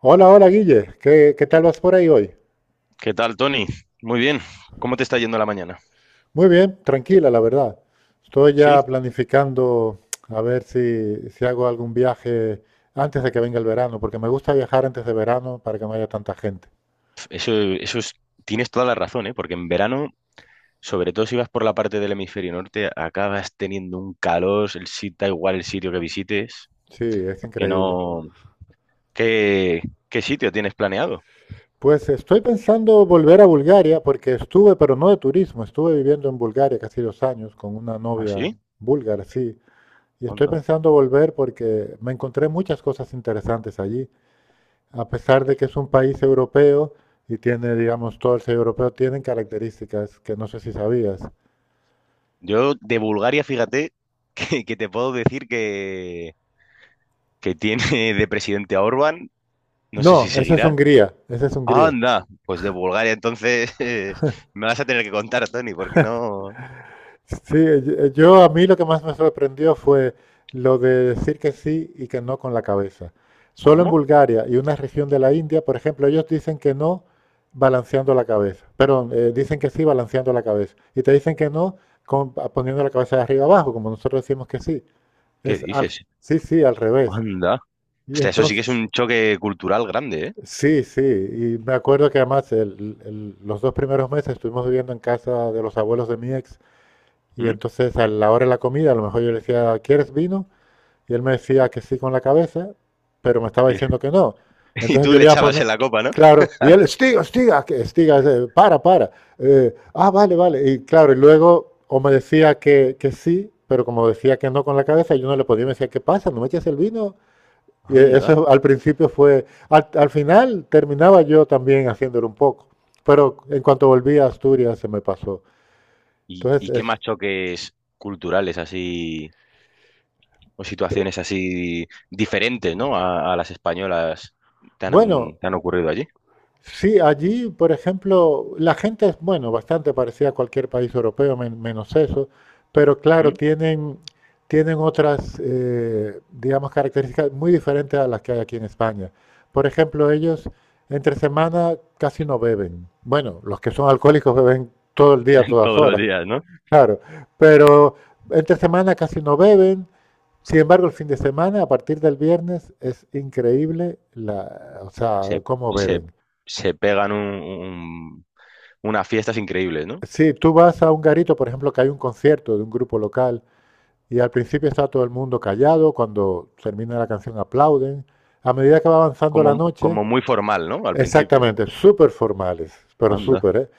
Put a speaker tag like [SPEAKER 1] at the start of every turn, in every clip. [SPEAKER 1] Hola, hola Guille, ¿qué, qué tal vas por ahí hoy?
[SPEAKER 2] ¿Qué tal, Tony? Muy bien. ¿Cómo te está yendo la mañana?
[SPEAKER 1] Muy bien, tranquila, la verdad. Estoy
[SPEAKER 2] Sí,
[SPEAKER 1] ya planificando a ver si hago algún viaje antes de que venga el verano, porque me gusta viajar antes de verano para que no haya tanta gente.
[SPEAKER 2] eso es, tienes toda la razón, ¿eh? Porque en verano, sobre todo si vas por la parte del hemisferio norte, acabas teniendo un calor, el sitio da igual el sitio que visites,
[SPEAKER 1] Sí, es
[SPEAKER 2] que
[SPEAKER 1] increíble.
[SPEAKER 2] no. ¿Qué, qué sitio tienes planeado?
[SPEAKER 1] Pues estoy pensando volver a Bulgaria, porque estuve, pero no de turismo, estuve viviendo en Bulgaria casi 2 años con una
[SPEAKER 2] ¿Ah,
[SPEAKER 1] novia
[SPEAKER 2] sí?
[SPEAKER 1] búlgara, sí. Y estoy
[SPEAKER 2] Onda.
[SPEAKER 1] pensando volver porque me encontré muchas cosas interesantes allí. A pesar de que es un país europeo y tiene, digamos, todo el ser europeo, tienen características que no sé si sabías.
[SPEAKER 2] Yo de Bulgaria, fíjate, que te puedo decir que tiene de presidente a Orbán, no sé si
[SPEAKER 1] No, esa es
[SPEAKER 2] seguirá.
[SPEAKER 1] Hungría, esa es Hungría.
[SPEAKER 2] Anda, pues de Bulgaria entonces me vas a tener que contar, Tony, porque no.
[SPEAKER 1] Sí, a mí lo que más me sorprendió fue lo de decir que sí y que no con la cabeza. Solo en
[SPEAKER 2] ¿Cómo?
[SPEAKER 1] Bulgaria y una región de la India, por ejemplo, ellos dicen que no balanceando la cabeza. Perdón, dicen que sí balanceando la cabeza. Y te dicen que no poniendo la cabeza de arriba abajo, como nosotros decimos que sí.
[SPEAKER 2] ¿Qué
[SPEAKER 1] Es al,
[SPEAKER 2] dices?
[SPEAKER 1] sí, sí, al revés.
[SPEAKER 2] Anda.
[SPEAKER 1] Y
[SPEAKER 2] Hostia, eso sí que
[SPEAKER 1] entonces,
[SPEAKER 2] es un choque cultural grande, ¿eh?
[SPEAKER 1] sí, sí, y me acuerdo que además los 2 primeros meses estuvimos viviendo en casa de los abuelos de mi ex y
[SPEAKER 2] ¿Mm?
[SPEAKER 1] entonces a la hora de la comida a lo mejor yo le decía, ¿quieres vino? Y él me decía que sí con la cabeza, pero me estaba
[SPEAKER 2] Y,
[SPEAKER 1] diciendo que no.
[SPEAKER 2] y
[SPEAKER 1] Entonces
[SPEAKER 2] tú
[SPEAKER 1] yo
[SPEAKER 2] le
[SPEAKER 1] le iba a
[SPEAKER 2] echabas
[SPEAKER 1] poner,
[SPEAKER 2] en la copa, ¿no?
[SPEAKER 1] claro, y él, estiga, estiga, estiga, para, para. Vale, vale. Y claro, y luego o me decía que sí, pero como decía que no con la cabeza, yo no le podía, me decía, ¿qué pasa? ¿No me echas el vino? Y
[SPEAKER 2] Anda.
[SPEAKER 1] eso al principio fue, al, al final terminaba yo también haciéndolo un poco, pero en cuanto volví a Asturias se me pasó.
[SPEAKER 2] ¿Y,
[SPEAKER 1] Entonces,
[SPEAKER 2] y qué
[SPEAKER 1] es,
[SPEAKER 2] más choques culturales así o situaciones así diferentes, ¿no? A las españolas te
[SPEAKER 1] bueno,
[SPEAKER 2] han, te han ocurrido allí?
[SPEAKER 1] sí, allí, por ejemplo, la gente es, bueno, bastante parecida a cualquier país europeo, menos eso, pero claro,
[SPEAKER 2] ¿Mm?
[SPEAKER 1] tienen otras, digamos, características muy diferentes a las que hay aquí en España. Por ejemplo, ellos entre semana casi no beben. Bueno, los que son alcohólicos beben todo el día, todas
[SPEAKER 2] Todos los
[SPEAKER 1] horas.
[SPEAKER 2] días, ¿no?
[SPEAKER 1] Claro, pero entre semana casi no beben. Sin embargo, el fin de semana, a partir del viernes, es increíble la, o sea,
[SPEAKER 2] Se,
[SPEAKER 1] cómo
[SPEAKER 2] se,
[SPEAKER 1] beben.
[SPEAKER 2] se pegan unas fiestas increíbles, ¿no?
[SPEAKER 1] Si tú vas a un garito, por ejemplo, que hay un concierto de un grupo local y al principio está todo el mundo callado, cuando termina la canción aplauden. A medida que va avanzando la
[SPEAKER 2] Como,
[SPEAKER 1] noche,
[SPEAKER 2] como muy formal, ¿no? Al principio.
[SPEAKER 1] exactamente, súper formales, pero
[SPEAKER 2] Anda.
[SPEAKER 1] súper, ¿eh?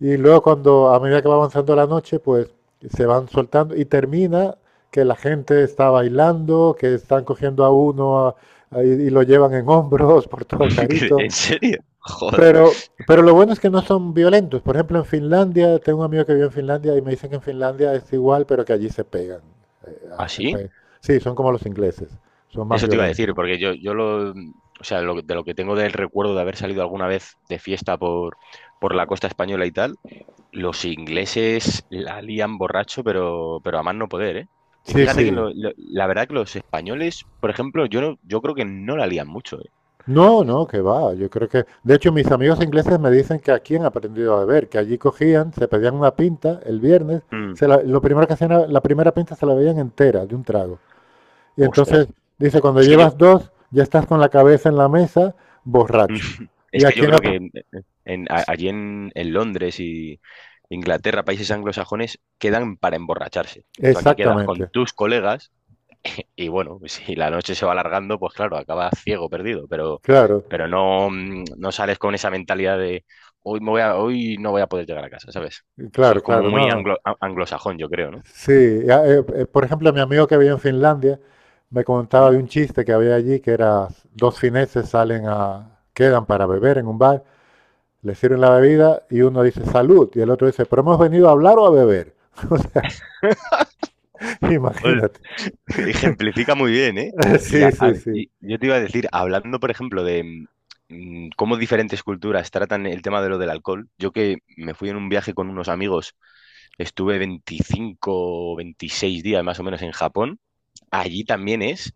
[SPEAKER 1] Y luego cuando, a medida que va avanzando la noche, pues se van soltando y termina que la gente está bailando, que están cogiendo a uno y lo llevan en hombros por todo el garito.
[SPEAKER 2] ¿En serio? Joder.
[SPEAKER 1] Pero lo bueno es que no son violentos. Por ejemplo, en Finlandia, tengo un amigo que vive en Finlandia y me dicen que en Finlandia es igual, pero que allí se pegan. eh, ah, se
[SPEAKER 2] ¿Así?
[SPEAKER 1] pe- Sí, son como los ingleses, son más
[SPEAKER 2] Eso te iba a
[SPEAKER 1] violentos.
[SPEAKER 2] decir, porque yo o sea, de lo que tengo del recuerdo de haber salido alguna vez de fiesta por la costa española y tal, los ingleses la lían borracho, pero, a más no poder, ¿eh? Y
[SPEAKER 1] Sí,
[SPEAKER 2] fíjate que
[SPEAKER 1] sí.
[SPEAKER 2] la verdad que los españoles, por ejemplo, yo creo que no la lían mucho, ¿eh?
[SPEAKER 1] No, no, que va. Yo creo que, de hecho, mis amigos ingleses me dicen que aquí han aprendido a beber, que allí cogían, se pedían una pinta el viernes,
[SPEAKER 2] Mm.
[SPEAKER 1] lo primero que hacían, la primera pinta se la veían entera de un trago. Y
[SPEAKER 2] Ostras,
[SPEAKER 1] entonces dice, cuando
[SPEAKER 2] es que yo,
[SPEAKER 1] llevas dos, ya estás con la cabeza en la mesa, borracho. Y
[SPEAKER 2] es que
[SPEAKER 1] aquí
[SPEAKER 2] yo creo que allí en Londres y Inglaterra, países anglosajones, quedan para emborracharse. Y tú aquí quedas con
[SPEAKER 1] Exactamente,
[SPEAKER 2] tus colegas. Y bueno, si la noche se va alargando, pues claro, acabas ciego, perdido, pero,
[SPEAKER 1] claro,
[SPEAKER 2] pero no, no sales con esa mentalidad de hoy no voy a poder llegar a casa, ¿sabes? Eso
[SPEAKER 1] claro,
[SPEAKER 2] es como
[SPEAKER 1] claro,
[SPEAKER 2] muy
[SPEAKER 1] no, no.
[SPEAKER 2] anglosajón, yo creo, ¿no?
[SPEAKER 1] Sí, ya, por ejemplo, mi amigo que había en Finlandia me
[SPEAKER 2] ¿Mm?
[SPEAKER 1] contaba de un chiste que había allí, que era dos fineses salen a, quedan para beber en un bar. Le sirven la bebida y uno dice salud y el otro dice, pero hemos venido a hablar o a beber.
[SPEAKER 2] Ol-
[SPEAKER 1] Imagínate.
[SPEAKER 2] Ejemplifica muy bien, ¿eh? Y,
[SPEAKER 1] Sí,
[SPEAKER 2] a- a-
[SPEAKER 1] sí, sí.
[SPEAKER 2] y yo te iba a decir, hablando, por ejemplo, de cómo diferentes culturas tratan el tema de lo del alcohol, yo que me fui en un viaje con unos amigos, estuve 25 o 26 días más o menos en Japón, allí también es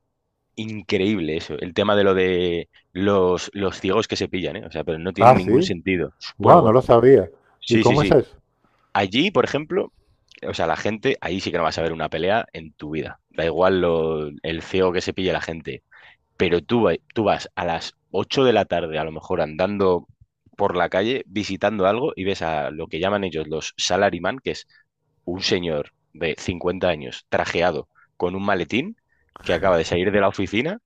[SPEAKER 2] increíble eso, el tema de lo de los ciegos que se pillan, ¿eh? O sea, pero no tiene
[SPEAKER 1] Ah,
[SPEAKER 2] ningún
[SPEAKER 1] sí.
[SPEAKER 2] sentido. Bueno,
[SPEAKER 1] Wow, no
[SPEAKER 2] bueno,
[SPEAKER 1] lo sabía. ¿Y
[SPEAKER 2] sí, sí,
[SPEAKER 1] cómo es
[SPEAKER 2] sí.
[SPEAKER 1] eso?
[SPEAKER 2] Allí, por ejemplo, o sea, la gente, ahí sí que no vas a ver una pelea en tu vida. Da igual lo, el ciego que se pille la gente. Pero tú vas a las 8 de la tarde, a lo mejor andando por la calle, visitando algo y ves a lo que llaman ellos los salaryman, que es un señor de 50 años trajeado con un maletín que acaba de salir de la oficina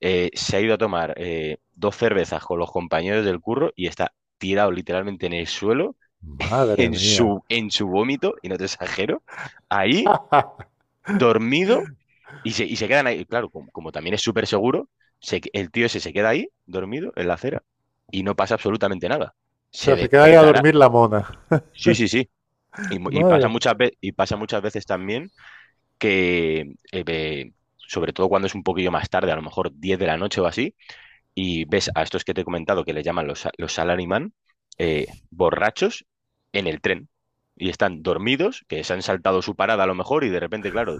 [SPEAKER 2] eh, Se ha ido a tomar dos cervezas con los compañeros del curro y está tirado literalmente en el suelo,
[SPEAKER 1] Madre
[SPEAKER 2] en
[SPEAKER 1] mía.
[SPEAKER 2] su, en su vómito, y no te exagero, ahí, dormido, y se quedan ahí. Claro, como también es súper seguro, el tío ese se queda ahí, dormido, en la acera, y no pasa absolutamente nada.
[SPEAKER 1] O
[SPEAKER 2] Se
[SPEAKER 1] sea, se queda ahí a
[SPEAKER 2] despertará.
[SPEAKER 1] dormir la mona.
[SPEAKER 2] Sí, sí, sí. Y, mu- y pasa
[SPEAKER 1] Madre,
[SPEAKER 2] muchas veces, y pasa muchas veces también que, sobre todo cuando es un poquillo más tarde, a lo mejor 10 de la noche o así, y ves a estos que te he comentado que le llaman los salaryman, borrachos en el tren. Y están dormidos, que se han saltado su parada a lo mejor, y de repente, claro,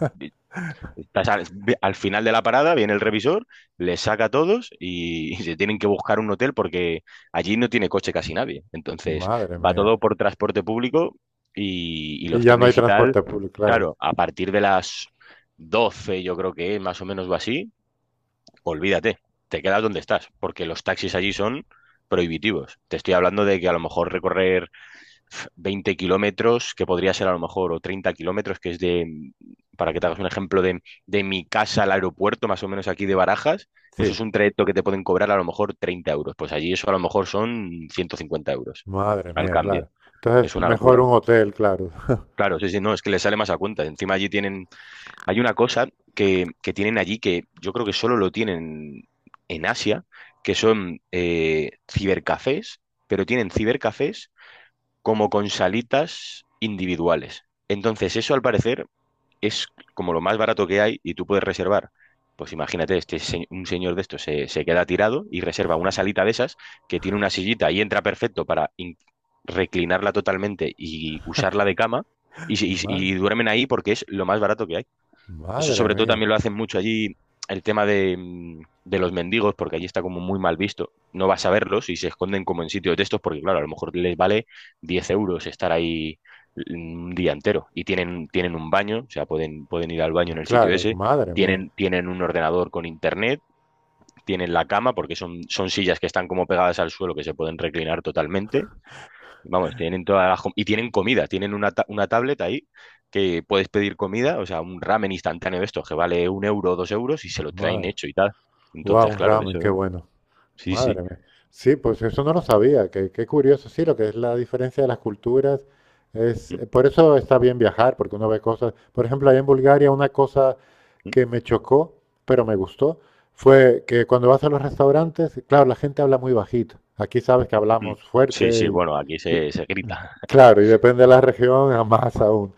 [SPEAKER 2] estás al final de la parada, viene el revisor, les saca a todos y, se tienen que buscar un hotel porque allí no tiene coche casi nadie. Entonces,
[SPEAKER 1] madre
[SPEAKER 2] va
[SPEAKER 1] mía.
[SPEAKER 2] todo por transporte público y
[SPEAKER 1] Y
[SPEAKER 2] los
[SPEAKER 1] ya no hay
[SPEAKER 2] trenes y tal,
[SPEAKER 1] transporte público, claro.
[SPEAKER 2] claro, a partir de las 12 yo creo que es, más o menos o así, olvídate, te quedas donde estás, porque los taxis allí son prohibitivos. Te estoy hablando de que a lo mejor recorrer 20 kilómetros, que podría ser a lo mejor, o 30 kilómetros, que es de, para que te hagas un ejemplo, de mi casa al aeropuerto, más o menos aquí de Barajas, eso es
[SPEAKER 1] Sí,
[SPEAKER 2] un trayecto que te pueden cobrar a lo mejor 30 euros. Pues allí eso a lo mejor son 150 €
[SPEAKER 1] madre
[SPEAKER 2] al
[SPEAKER 1] mía,
[SPEAKER 2] cambio.
[SPEAKER 1] claro.
[SPEAKER 2] Es
[SPEAKER 1] Entonces,
[SPEAKER 2] una
[SPEAKER 1] mejor
[SPEAKER 2] locura.
[SPEAKER 1] un hotel, claro.
[SPEAKER 2] Claro, sí, sí, no, es que les sale más a cuenta. Encima allí tienen hay una cosa que tienen allí que yo creo que solo lo tienen en Asia, que son cibercafés, pero tienen cibercafés como con salitas individuales. Entonces, eso al parecer es como lo más barato que hay y tú puedes reservar. Pues imagínate, un señor de estos se queda tirado y reserva una salita de esas que tiene una sillita y entra perfecto para reclinarla totalmente y usarla de cama y, se- y
[SPEAKER 1] Madre,
[SPEAKER 2] y duermen ahí porque es lo más barato que hay. Eso
[SPEAKER 1] madre
[SPEAKER 2] sobre todo
[SPEAKER 1] mía.
[SPEAKER 2] también lo hacen mucho allí el tema de los mendigos, porque allí está como muy mal visto. No vas a verlos y se esconden como en sitios de estos, porque claro, a lo mejor les vale 10 € estar ahí, un día entero. Y tienen un baño, o sea, pueden ir al baño en el sitio
[SPEAKER 1] Claro,
[SPEAKER 2] ese.
[SPEAKER 1] madre mía.
[SPEAKER 2] Tienen un ordenador con internet, tienen la cama, porque son sillas que están como pegadas al suelo que se pueden reclinar totalmente. Vamos, tienen todas y tienen comida, tienen una tablet ahí que puedes pedir comida, o sea, un ramen instantáneo de estos que vale 1 € o 2 € y se lo traen
[SPEAKER 1] Madre.
[SPEAKER 2] hecho y tal.
[SPEAKER 1] Wow,
[SPEAKER 2] Entonces,
[SPEAKER 1] un
[SPEAKER 2] claro,
[SPEAKER 1] ramen, qué
[SPEAKER 2] eso,
[SPEAKER 1] bueno.
[SPEAKER 2] sí, sí.
[SPEAKER 1] Madre mía. Sí, pues eso no lo sabía. Qué, qué curioso. Sí, lo que es la diferencia de las culturas es...
[SPEAKER 2] Mm,
[SPEAKER 1] por eso está bien viajar, porque uno ve cosas... Por ejemplo, allá en Bulgaria una cosa
[SPEAKER 2] mm,
[SPEAKER 1] que me chocó, pero me gustó, fue que cuando vas a los restaurantes, claro, la gente habla muy bajito. Aquí sabes que
[SPEAKER 2] mm.
[SPEAKER 1] hablamos
[SPEAKER 2] Sí, sí,
[SPEAKER 1] fuerte.
[SPEAKER 2] bueno, aquí se grita,
[SPEAKER 1] Claro, y depende de la región, a más aún.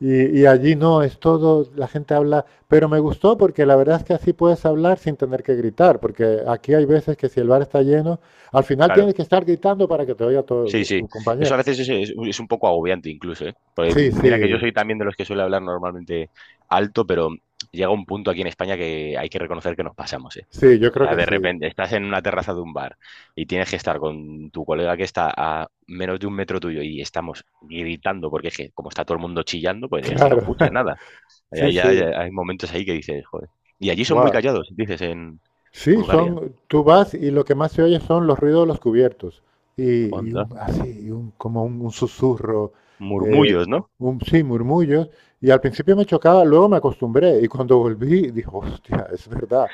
[SPEAKER 1] Y allí no, es todo, la gente habla, pero me gustó porque la verdad es que así puedes hablar sin tener que gritar, porque aquí hay veces que si el bar está lleno, al final
[SPEAKER 2] claro.
[SPEAKER 1] tienes que estar gritando para que te oiga
[SPEAKER 2] Sí,
[SPEAKER 1] tu,
[SPEAKER 2] sí.
[SPEAKER 1] tu compañero.
[SPEAKER 2] Eso a veces es un poco agobiante incluso, ¿eh? Pues
[SPEAKER 1] Sí, sí,
[SPEAKER 2] mira que yo soy también de los que suele hablar normalmente alto, pero llega un punto aquí en España que hay que reconocer que nos pasamos, ¿eh?
[SPEAKER 1] sí, yo
[SPEAKER 2] O
[SPEAKER 1] creo
[SPEAKER 2] sea,
[SPEAKER 1] que
[SPEAKER 2] de
[SPEAKER 1] sí,
[SPEAKER 2] repente estás en una terraza de un bar y tienes que estar con tu colega que está a menos de un metro tuyo y estamos gritando porque es que como está todo el mundo chillando, pues es que no
[SPEAKER 1] claro,
[SPEAKER 2] escuchas nada. Hay,
[SPEAKER 1] sí,
[SPEAKER 2] hay, hay
[SPEAKER 1] sí,
[SPEAKER 2] hay momentos ahí que dices, joder. Y allí son muy
[SPEAKER 1] guau.
[SPEAKER 2] callados, dices, en
[SPEAKER 1] Sí,
[SPEAKER 2] Bulgaria.
[SPEAKER 1] son, tú vas y lo que más se oye son los ruidos de los cubiertos. Y un,
[SPEAKER 2] Onda.
[SPEAKER 1] así, como un susurro, eh,
[SPEAKER 2] Murmullos, ¿no?
[SPEAKER 1] sí, murmullos. Y al principio me chocaba, luego me acostumbré. Y cuando volví, dije, hostia, es verdad.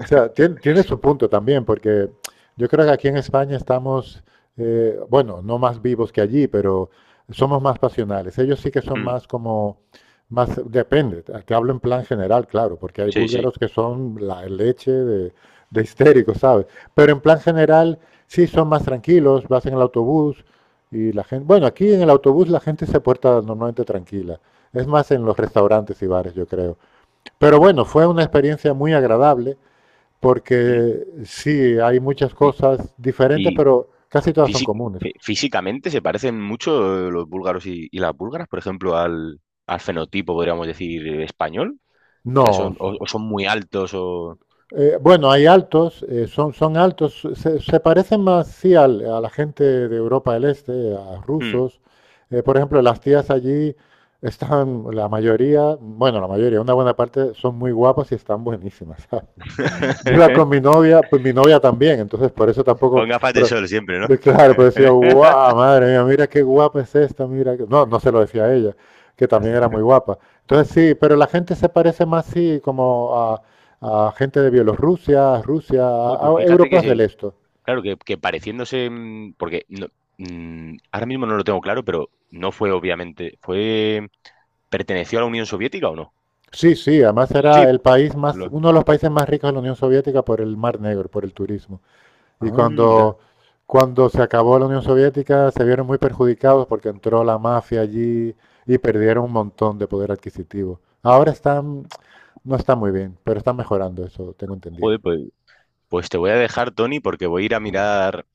[SPEAKER 1] O sea, tiene, tiene su punto también, porque yo creo que aquí en España estamos, bueno, no más vivos que allí, pero somos más pasionales. Ellos sí que son
[SPEAKER 2] Mm,
[SPEAKER 1] más como, más, depende, te hablo en plan general, claro, porque hay
[SPEAKER 2] sí, sí.
[SPEAKER 1] búlgaros que son la leche de histéricos, ¿sabes? Pero en plan general sí son más tranquilos, vas en el autobús y la gente, bueno, aquí en el autobús la gente se porta normalmente tranquila. Es más en los restaurantes y bares, yo creo. Pero
[SPEAKER 2] Onda.
[SPEAKER 1] bueno, fue una experiencia muy agradable
[SPEAKER 2] Mm.
[SPEAKER 1] porque sí, hay muchas
[SPEAKER 2] Y,
[SPEAKER 1] cosas diferentes,
[SPEAKER 2] y
[SPEAKER 1] pero casi todas son
[SPEAKER 2] físi-
[SPEAKER 1] comunes.
[SPEAKER 2] físicamente se parecen mucho los búlgaros y las búlgaras, por ejemplo, al fenotipo, podríamos decir, español. O sea,
[SPEAKER 1] No.
[SPEAKER 2] son, o son muy altos o.
[SPEAKER 1] Bueno, hay altos, son, son altos, se parecen más sí, a la gente de Europa del Este, a
[SPEAKER 2] Hmm.
[SPEAKER 1] rusos. Por ejemplo, las tías allí están, la mayoría, bueno, la mayoría, una buena parte, son muy guapas y están buenísimas. Yo iba con mi novia, pues mi novia también, entonces por eso tampoco,
[SPEAKER 2] Con gafas de
[SPEAKER 1] pero
[SPEAKER 2] sol siempre, ¿no?
[SPEAKER 1] claro, pues decía, guau, madre mía, mira qué guapa es esta, mira, que-". No, no se lo decía a ella, que también era muy guapa. Entonces sí, pero la gente se parece más, sí, como a gente de Bielorrusia, Rusia,
[SPEAKER 2] Joder, pues
[SPEAKER 1] a
[SPEAKER 2] fíjate que,
[SPEAKER 1] europeos del este.
[SPEAKER 2] claro, que pareciéndose, porque ahora mismo no lo tengo claro, pero no fue obviamente, ¿perteneció a la Unión Soviética o no?
[SPEAKER 1] Sí, sí, además
[SPEAKER 2] Sí.
[SPEAKER 1] era el país más,
[SPEAKER 2] lo-
[SPEAKER 1] uno de los países más ricos de la Unión Soviética por el Mar Negro, por el turismo. Y
[SPEAKER 2] anda,
[SPEAKER 1] cuando, cuando se acabó la Unión Soviética se vieron muy perjudicados porque entró la mafia allí y perdieron un montón de poder adquisitivo. Ahora están, no está muy bien, pero están mejorando eso, tengo entendido.
[SPEAKER 2] joder, pues te voy a dejar, Tony, porque voy a ir a mirar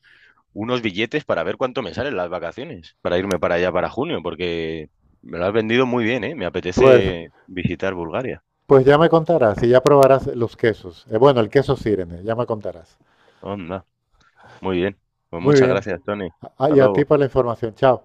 [SPEAKER 2] unos billetes para ver cuánto me salen las vacaciones, para irme para allá para junio, porque me lo has vendido muy bien, ¿eh? Me
[SPEAKER 1] Pues,
[SPEAKER 2] apetece visitar Bulgaria.
[SPEAKER 1] pues ya me contarás y ya probarás los quesos. Bueno, el queso Sirene, ya me contarás.
[SPEAKER 2] Anda. Muy bien. Pues
[SPEAKER 1] Muy
[SPEAKER 2] muchas
[SPEAKER 1] bien.
[SPEAKER 2] gracias, Tony.
[SPEAKER 1] Ah,
[SPEAKER 2] Hasta
[SPEAKER 1] y a ti
[SPEAKER 2] luego.
[SPEAKER 1] por la información. Chao.